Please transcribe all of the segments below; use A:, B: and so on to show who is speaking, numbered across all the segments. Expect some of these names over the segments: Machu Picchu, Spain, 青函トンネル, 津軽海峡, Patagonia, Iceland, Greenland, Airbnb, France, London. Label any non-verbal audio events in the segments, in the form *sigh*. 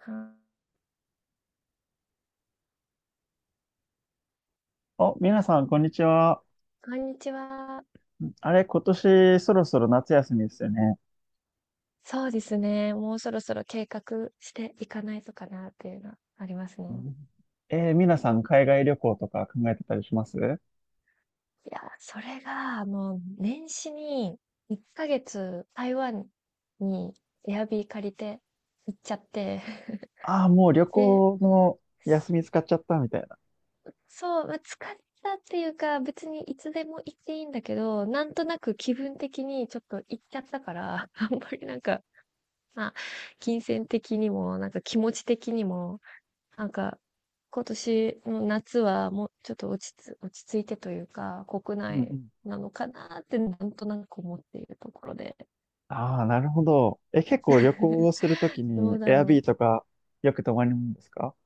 A: は
B: お、皆さん、こんにちは。
A: こんにちは。
B: あれ、今年そろそろ夏休みですよね。
A: そうですね。もうそろそろ計画していかないとかなっていうのはあります
B: う
A: ね。
B: ん。皆さん、海外旅行とか考えてたりします？
A: いや、それが、もう年始に1ヶ月台湾にエアビー借りて行っちゃって
B: ああー、もう旅
A: *laughs* で、
B: 行の
A: す
B: 休み使っちゃったみたいな。
A: そう、まあ、疲れたっていうか、別にいつでも行っていいんだけど、なんとなく気分的にちょっと行っちゃったから、*laughs* あんまりなんか、まあ、金銭的にも、なんか気持ち的にも、なんか、今年の夏はもうちょっと落ち着いてというか、国
B: うんう
A: 内
B: ん。
A: なのかなってなんとなく思っているところで。
B: ああ、なるほど。え、結構旅行を
A: *laughs*
B: するとき
A: ど
B: に、
A: うだ
B: エアビ
A: ろう。
B: ーとかよく泊まるんですか？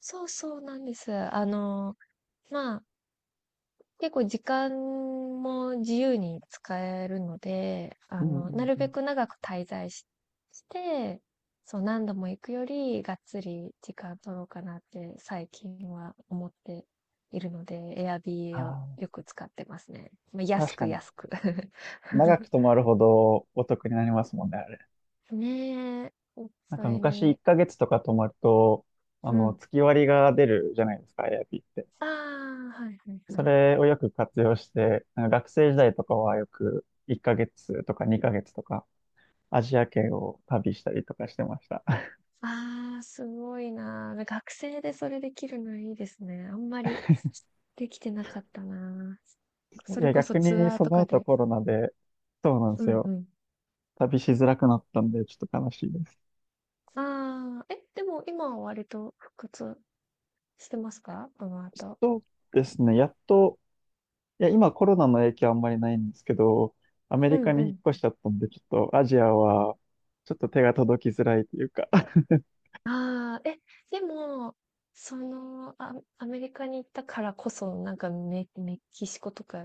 A: そうそうなんです。あの、まあ、結構時間も自由に使えるので、
B: う
A: あ
B: ん
A: の、
B: う
A: な
B: ん
A: る
B: う
A: べ
B: ん。
A: く長く滞在し、して、そう、何度も行くより、がっつり時間取ろうかなって最近は思っているので、Airbnb を
B: あ
A: よく使ってますね。まあ、
B: あ
A: 安
B: 確か
A: く
B: に。
A: 安く
B: 長く
A: *laughs*
B: 泊まるほどお得になりますもんね、あれ。
A: ねえ、*laughs*
B: なん
A: そ
B: か
A: れ
B: 昔1
A: に、
B: ヶ月とか泊まると、
A: うん。
B: 月割りが出るじゃないですか、エアビーって。
A: ああ、はいはいは
B: そ
A: い。
B: れをよく活用して、学生時代とかはよく1ヶ月とか2ヶ月とかアジア圏を旅したりとかしてました。
A: ああ、すごいなー。学生でそれできるのいいですね。あんまりできてなかったなー。
B: *laughs* い
A: それ
B: や、
A: こそ
B: 逆
A: ツ
B: に
A: アー
B: そ
A: と
B: の
A: か
B: 後
A: で。
B: コロナで、そうなんで
A: う
B: す
A: んう
B: よ。
A: ん。
B: 旅しづらくなったんで、ちょっと悲しいです。
A: ああ、え、でも今は割と復活してますか、この後。
B: そうですね、やっと、いや、今コロナの影響あんまりないんですけど、アメ
A: う
B: リカ
A: んう
B: に引っ
A: ん。
B: 越しちゃったんで、ちょっとアジアは、ちょっと手が届きづらいというか。*laughs*
A: ああ、え、でも、その、あ、アメリカに行ったからこそ、なんかメキシコとか、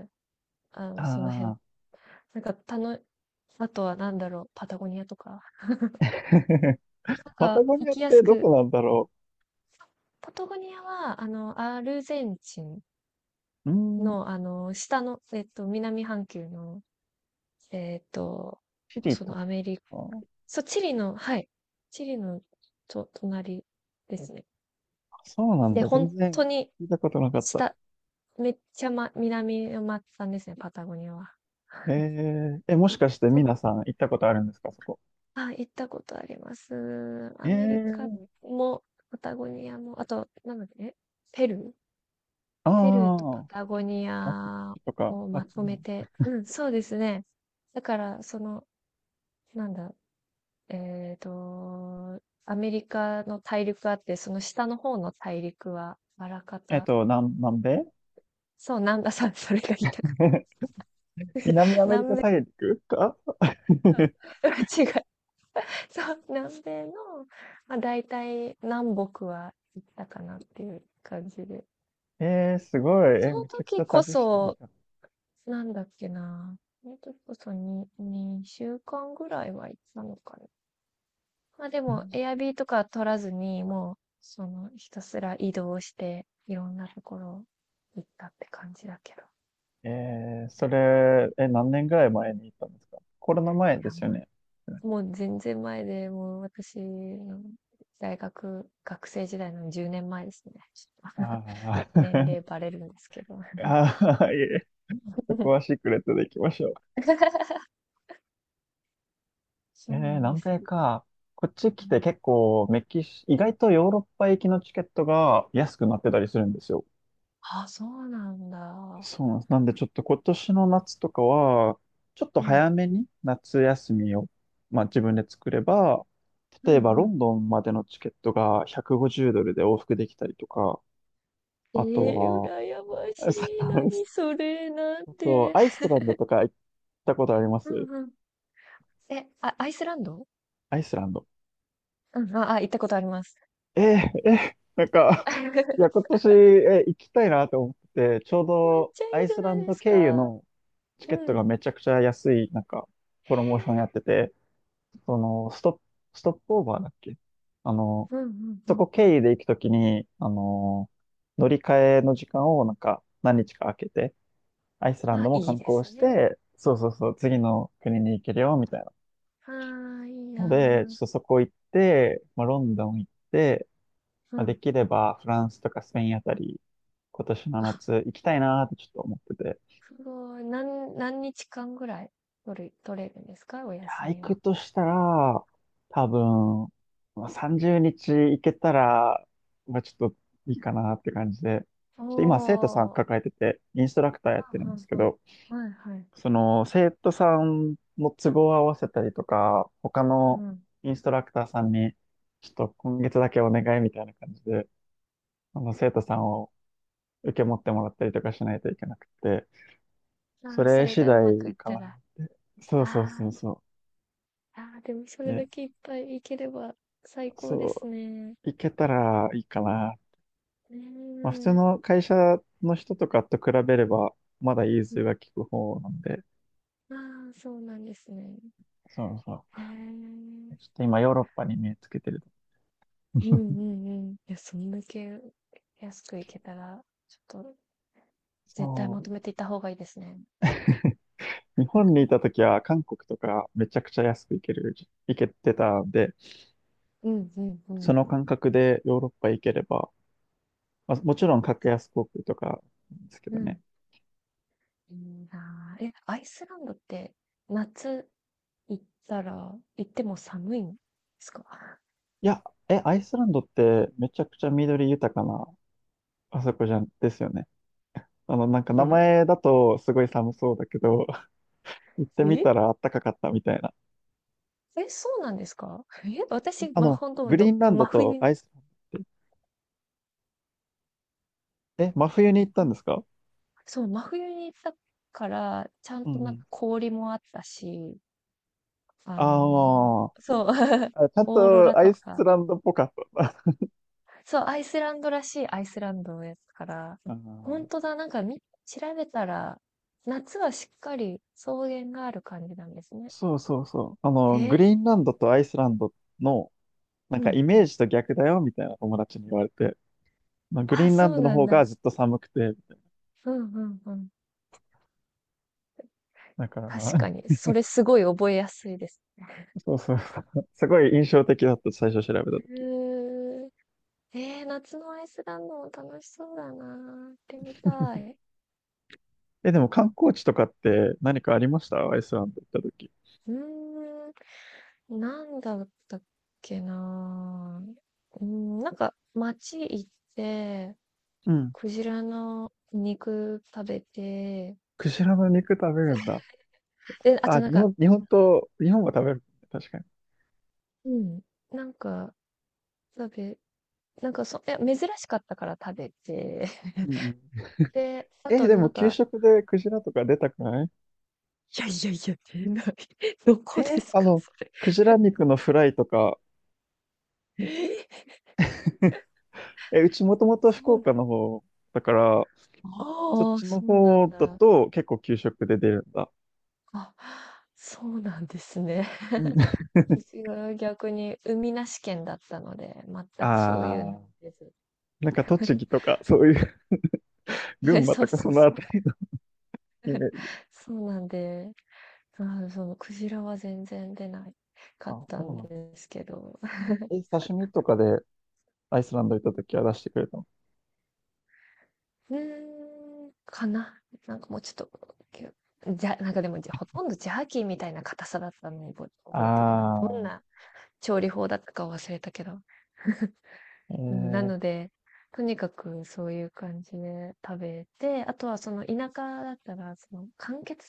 A: あの、その
B: あ
A: 辺、
B: あ。
A: なんか、たの、あとはなんだろう、パタゴニアとか、*laughs*
B: *laughs*
A: なん
B: パタ
A: か、
B: ゴ
A: 行
B: ニアっ
A: きやす
B: てど
A: く。
B: こなんだろ
A: パタゴニアは、あの、アルゼンチン
B: う。うーん、
A: の、あの、下の、えっと、南半球の、えっと、
B: チリ
A: その
B: と。
A: アメリカ、
B: あー
A: そう、チリの、はい、チリのと、隣ですね。
B: そうなん
A: で、
B: だ。全
A: 本
B: 然
A: 当に
B: 聞いたことなかった。
A: 下、めっちゃ、ま、南の松たんですね、パタゴニアは。
B: え
A: *laughs*
B: え、もしかして
A: そ
B: 皆
A: う。
B: さん行ったことあるんですか、そこ？
A: あ、行ったことあります。
B: え
A: アメリカ
B: ー、
A: も、パタゴニアも、あと、なんだっけ、ペルー
B: あ
A: ペルーとパ
B: あ、
A: タゴニ
B: マチュピ
A: ア
B: チュとか、
A: を
B: マ
A: ま
B: チ
A: と
B: ュ
A: め
B: も。
A: て、うん、そうですね。だから、その、なんだ、えっと、アメリカの大陸あって、その下の方の大陸は、あらかた、
B: 南米。
A: そう、南んさん、それが言いたかっ
B: *laughs*
A: た。
B: 南
A: *laughs*
B: アメリカ
A: 南米、
B: 大陸か。 *laughs*
A: *laughs* 違う。そう、南米の、まあ、大体南北は行ったかなっていう感じで。
B: すごい。
A: そ
B: え、
A: の
B: めちゃくちゃ
A: 時こ
B: 旅してる
A: そ、
B: じゃん。
A: なんだっけな。その時こそに2週間ぐらいは行ったのか。まあ、で
B: う
A: も、
B: ん。
A: エアビーとか取らずに、もう、その、ひたすら移動して、いろんなところ行ったって感じだけど。
B: それ、え、何年ぐらい前に行ったんですか？コロナ前
A: い
B: で
A: や、
B: すよ
A: も
B: ね。
A: う、もう全然前で、もう私の大学、学生時代の10年前ですね。ちょっ
B: ああ、
A: と年
B: *laughs*
A: 齢バレるんですけど。
B: ああ、いえ、そこは
A: *laughs*
B: シークレットで行きましょう。
A: そうなんで
B: 南
A: すよ
B: 米
A: ね。
B: か。こっち
A: う
B: 来て
A: ん。
B: 結構メキシ、意外とヨーロッパ行きのチケットが安くなってたりするんですよ。
A: あ、そうなんだ。
B: そうなんです。なんでちょっと今年の夏とかは、ちょっと
A: うん。
B: 早めに夏休みを、まあ自分で作れば、
A: うん
B: 例
A: う
B: えばロ
A: ん。
B: ンドンまでのチケットが150ドルで往復できたりとか、
A: え
B: あと
A: 羨ま
B: は、
A: しい。何
B: *laughs*
A: それ、なん
B: あ
A: て。
B: とアイスランドとか行ったことありま
A: う
B: す？
A: ん。え、あ、アイスランド。
B: アイスランド。
A: うん、あ、行ったことあります。
B: え、え、なんか、いや、今
A: *laughs*
B: 年、え、行きたいなと思ってて、ちょう
A: めっ
B: ど
A: ちゃい
B: ア
A: い
B: イ
A: じゃ
B: スラ
A: な
B: ン
A: いで
B: ド
A: す
B: 経由
A: か。
B: のチケ
A: う
B: ットが
A: ん。
B: めちゃくちゃ安い、なんか、
A: へ
B: プロモーションやっ
A: え。
B: てて、その、ストップオーバーだっけ？あの、
A: うんうんう
B: そ
A: ん。
B: こ経由で行くときに、乗り換えの時間をなんか、何日か空けて、アイスラン
A: あ、
B: ドも
A: いい
B: 観
A: で
B: 光
A: す
B: し
A: ね。
B: て、そうそうそう、次の国に行けるよ、みたいな。
A: はあ、いい
B: ので、ちょ
A: な
B: っとそこ行って、まあ、ロンドン行って、
A: ー。う
B: まあ、
A: ん。
B: できればフランスとかスペインあたり、今年の
A: あ、
B: 夏行きたいなーってちょっと思ってて。
A: すごい。何日間ぐらい取れるんですか、お
B: い
A: 休
B: やー、行
A: み
B: く
A: は。
B: としたら、多分、まあ、30日行けたら、まあ、ちょっといいかなって感じで。
A: お
B: ちょっと今、生徒さん抱え
A: ー。
B: てて、インストラクターやってる
A: う
B: ん
A: ん
B: ですけ
A: うんうん。
B: ど、
A: はいはい。
B: その生徒さんの都合を合わせたりとか、他
A: う
B: の
A: ん。
B: インストラクターさんに、ちょっと今月だけお願いみたいな感じで、あの生徒さんを受け持ってもらったりとかしないといけなくて、
A: あ
B: そ
A: ー、そ
B: れ
A: れ
B: 次
A: がうまく
B: 第
A: いっ
B: か
A: た
B: な。
A: ら。
B: そう
A: あ
B: そうそうそ
A: ー、あー、でもそ
B: う。
A: れだ
B: で、
A: けいっぱい行ければ最高で
B: そ
A: すね。
B: う、いけたらいいかな。まあ普通
A: ねえ。
B: の会社の人とかと比べれば、まだ融通が利く方なんで、
A: ああ、そうなんですね。
B: そうそ
A: へえ。
B: う。ちょっと今ヨーロッパに目つけてる。
A: うん
B: *laughs*
A: うんうん。いや、そんだけ安く行けたら、ちょっと絶対
B: そ
A: まとめていった方がいいですね。
B: う。日本にいた
A: *laughs*
B: 時は韓国とかめちゃくちゃ安く行けてたんで、
A: うんうんう
B: そ
A: ん。
B: の感覚でヨーロッパ行ければ、まあ、もちろん格安航空とかですけ
A: う
B: ど
A: ん。
B: ね。
A: いいなあ。え、アイスランドって夏行っても寒いんですか？
B: いや、え、アイスランドってめちゃくちゃ緑豊かなあそこじゃん、ですよね。なんか名
A: え、
B: 前だとすごい寒そうだけど、*laughs* 行ってみ
A: え、
B: たらあったかかったみたいな。
A: え、そうなんですか？え、私、
B: あ
A: ま、
B: の、
A: 本当
B: グリー
A: ど、
B: ンランド
A: 真
B: と
A: 冬
B: ア
A: に、
B: イスランドって、え、真冬に行ったんですか？
A: そう、真冬に行ったから、ちゃん
B: うん
A: と
B: う
A: なんか
B: ん。
A: 氷もあったし、あ
B: あ
A: の、
B: ー
A: そう、*laughs*
B: あ、ちゃん
A: オーロ
B: と
A: ラ
B: ア
A: と
B: イス
A: か。
B: ランドっぽかったな。*laughs*
A: そう、アイスランドらしいアイスランドのやつから、
B: あー
A: 本当だ、なんか調べたら、夏はしっかり草原がある感じなんですね。
B: そうそうそう。
A: へ
B: グ
A: え、
B: リーンランドとアイスランドの、なん
A: う
B: かイ
A: んう
B: メー
A: ん。
B: ジと逆だよみたいな友達に言われて、まあ、グリ
A: あ、
B: ーンラ
A: そ
B: ン
A: う
B: ドの
A: なん
B: 方が
A: だ。
B: ずっと寒くて、
A: うんうんうん。
B: だから、
A: 確かに、それすごい覚えやすいです。
B: *laughs* そうそうそう、すごい印象的だった、最初調べた
A: へ
B: 時。
A: え、夏のアイスランドも楽しそうだな。行ってみたい。
B: え、でも観光地とかって何かありました？アイスランド行った時。
A: うーん。なんだったっけなぁ。うん、なんか街行って、
B: うん。
A: クジラの肉食べて、
B: クジラの肉食べるんだ。
A: で、あ
B: あ、
A: となんか、
B: 日本は食べるね。確かに。
A: うん、なんか食べ、なんかいや、珍しかったから食べて、
B: うん
A: *laughs*
B: うん。
A: で、あ
B: え、
A: と
B: で
A: な
B: も
A: ん
B: 給
A: か、
B: 食でクジラとか出たくない？
A: いやいやいや、出ない。*laughs* どこで
B: え、
A: すか、それ。
B: クジラ肉のフライとか、
A: え
B: え、うちもとも
A: *laughs*
B: と
A: そ
B: 福
A: うなん、
B: 岡の方だから、そっ
A: ああ、
B: ちの
A: そうな
B: 方
A: ん
B: だ
A: だ。
B: と結構給食で出るんだ。
A: あ、そうなんですね。
B: うん。*laughs*
A: 私は逆に海なし県だったので、全くそういうの
B: ああ、
A: 出ず。
B: なんか
A: *laughs* え、そうそうそう。そうなんで、あーそのクジラは全然出ないかったんですけど、
B: アイスランド行った時は出してくれたの？
A: うーん、かな。なんかもうちょっと、きゅじゃ、なんかでもじゃほとんどジャーキーみたいな硬さだったのを覚えてるな。どん
B: ああ、
A: な調理法だったか忘れたけど。うん、な
B: え
A: の
B: え。
A: で、とにかくそういう感じで食べて、あとはその田舎だったら、その間欠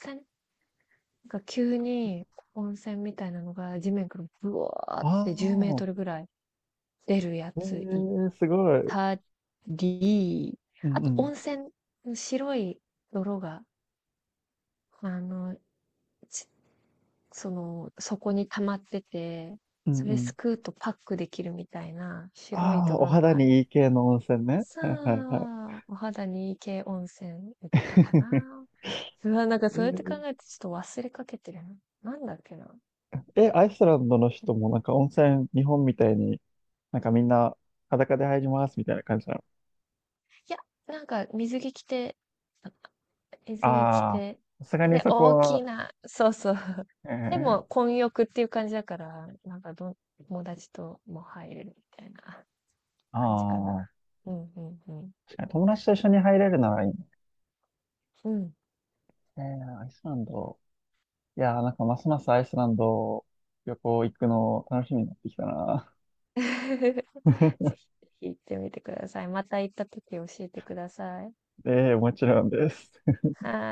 A: なんか急に温泉みたいなのが地面からブワーっ
B: あ
A: て10メー
B: あ、
A: トルぐらい出るや
B: え
A: つい
B: えすごい。
A: たり、
B: うん
A: あ
B: う
A: と
B: ん、
A: 温泉の白い泥が、あの、ちその、底に溜まってて、
B: うん
A: そ
B: う
A: れ
B: ん。
A: すくうとパックできるみたいな白い
B: ああ、お
A: 泥の
B: 肌
A: ある。
B: にいい系の温泉ね。
A: さ
B: はいはいはい。
A: あ、お肌にいい系温泉行ったか
B: *laughs*
A: な。うわ、なんか
B: え
A: そうやって考
B: ー
A: えてちょっと忘れかけてるな。なんだっけな。
B: え、アイスランドの人もなんか温泉、日本みたいになんかみんな裸で入りますみたいな感じなの？
A: いや、なんか水着着て、水着着
B: ああ、
A: て、
B: さすがに
A: で、
B: そこ
A: 大き
B: は、
A: な、そうそう。*laughs*
B: え
A: で
B: ー、
A: も、混浴っていう感じだから、なんか友達とも入れるみたいな感じかな。
B: ああ、
A: うんうんうん。
B: 確かに友達と一緒に入れるならいいね。
A: うん。
B: アイスランド。いやー、なんかますますアイスランド旅行行くの楽しみになってきたな。
A: *laughs* ぜひ
B: *laughs*
A: ぜひ行ってみてください。また行った時教えてください。
B: で、もちろんです。
A: はい。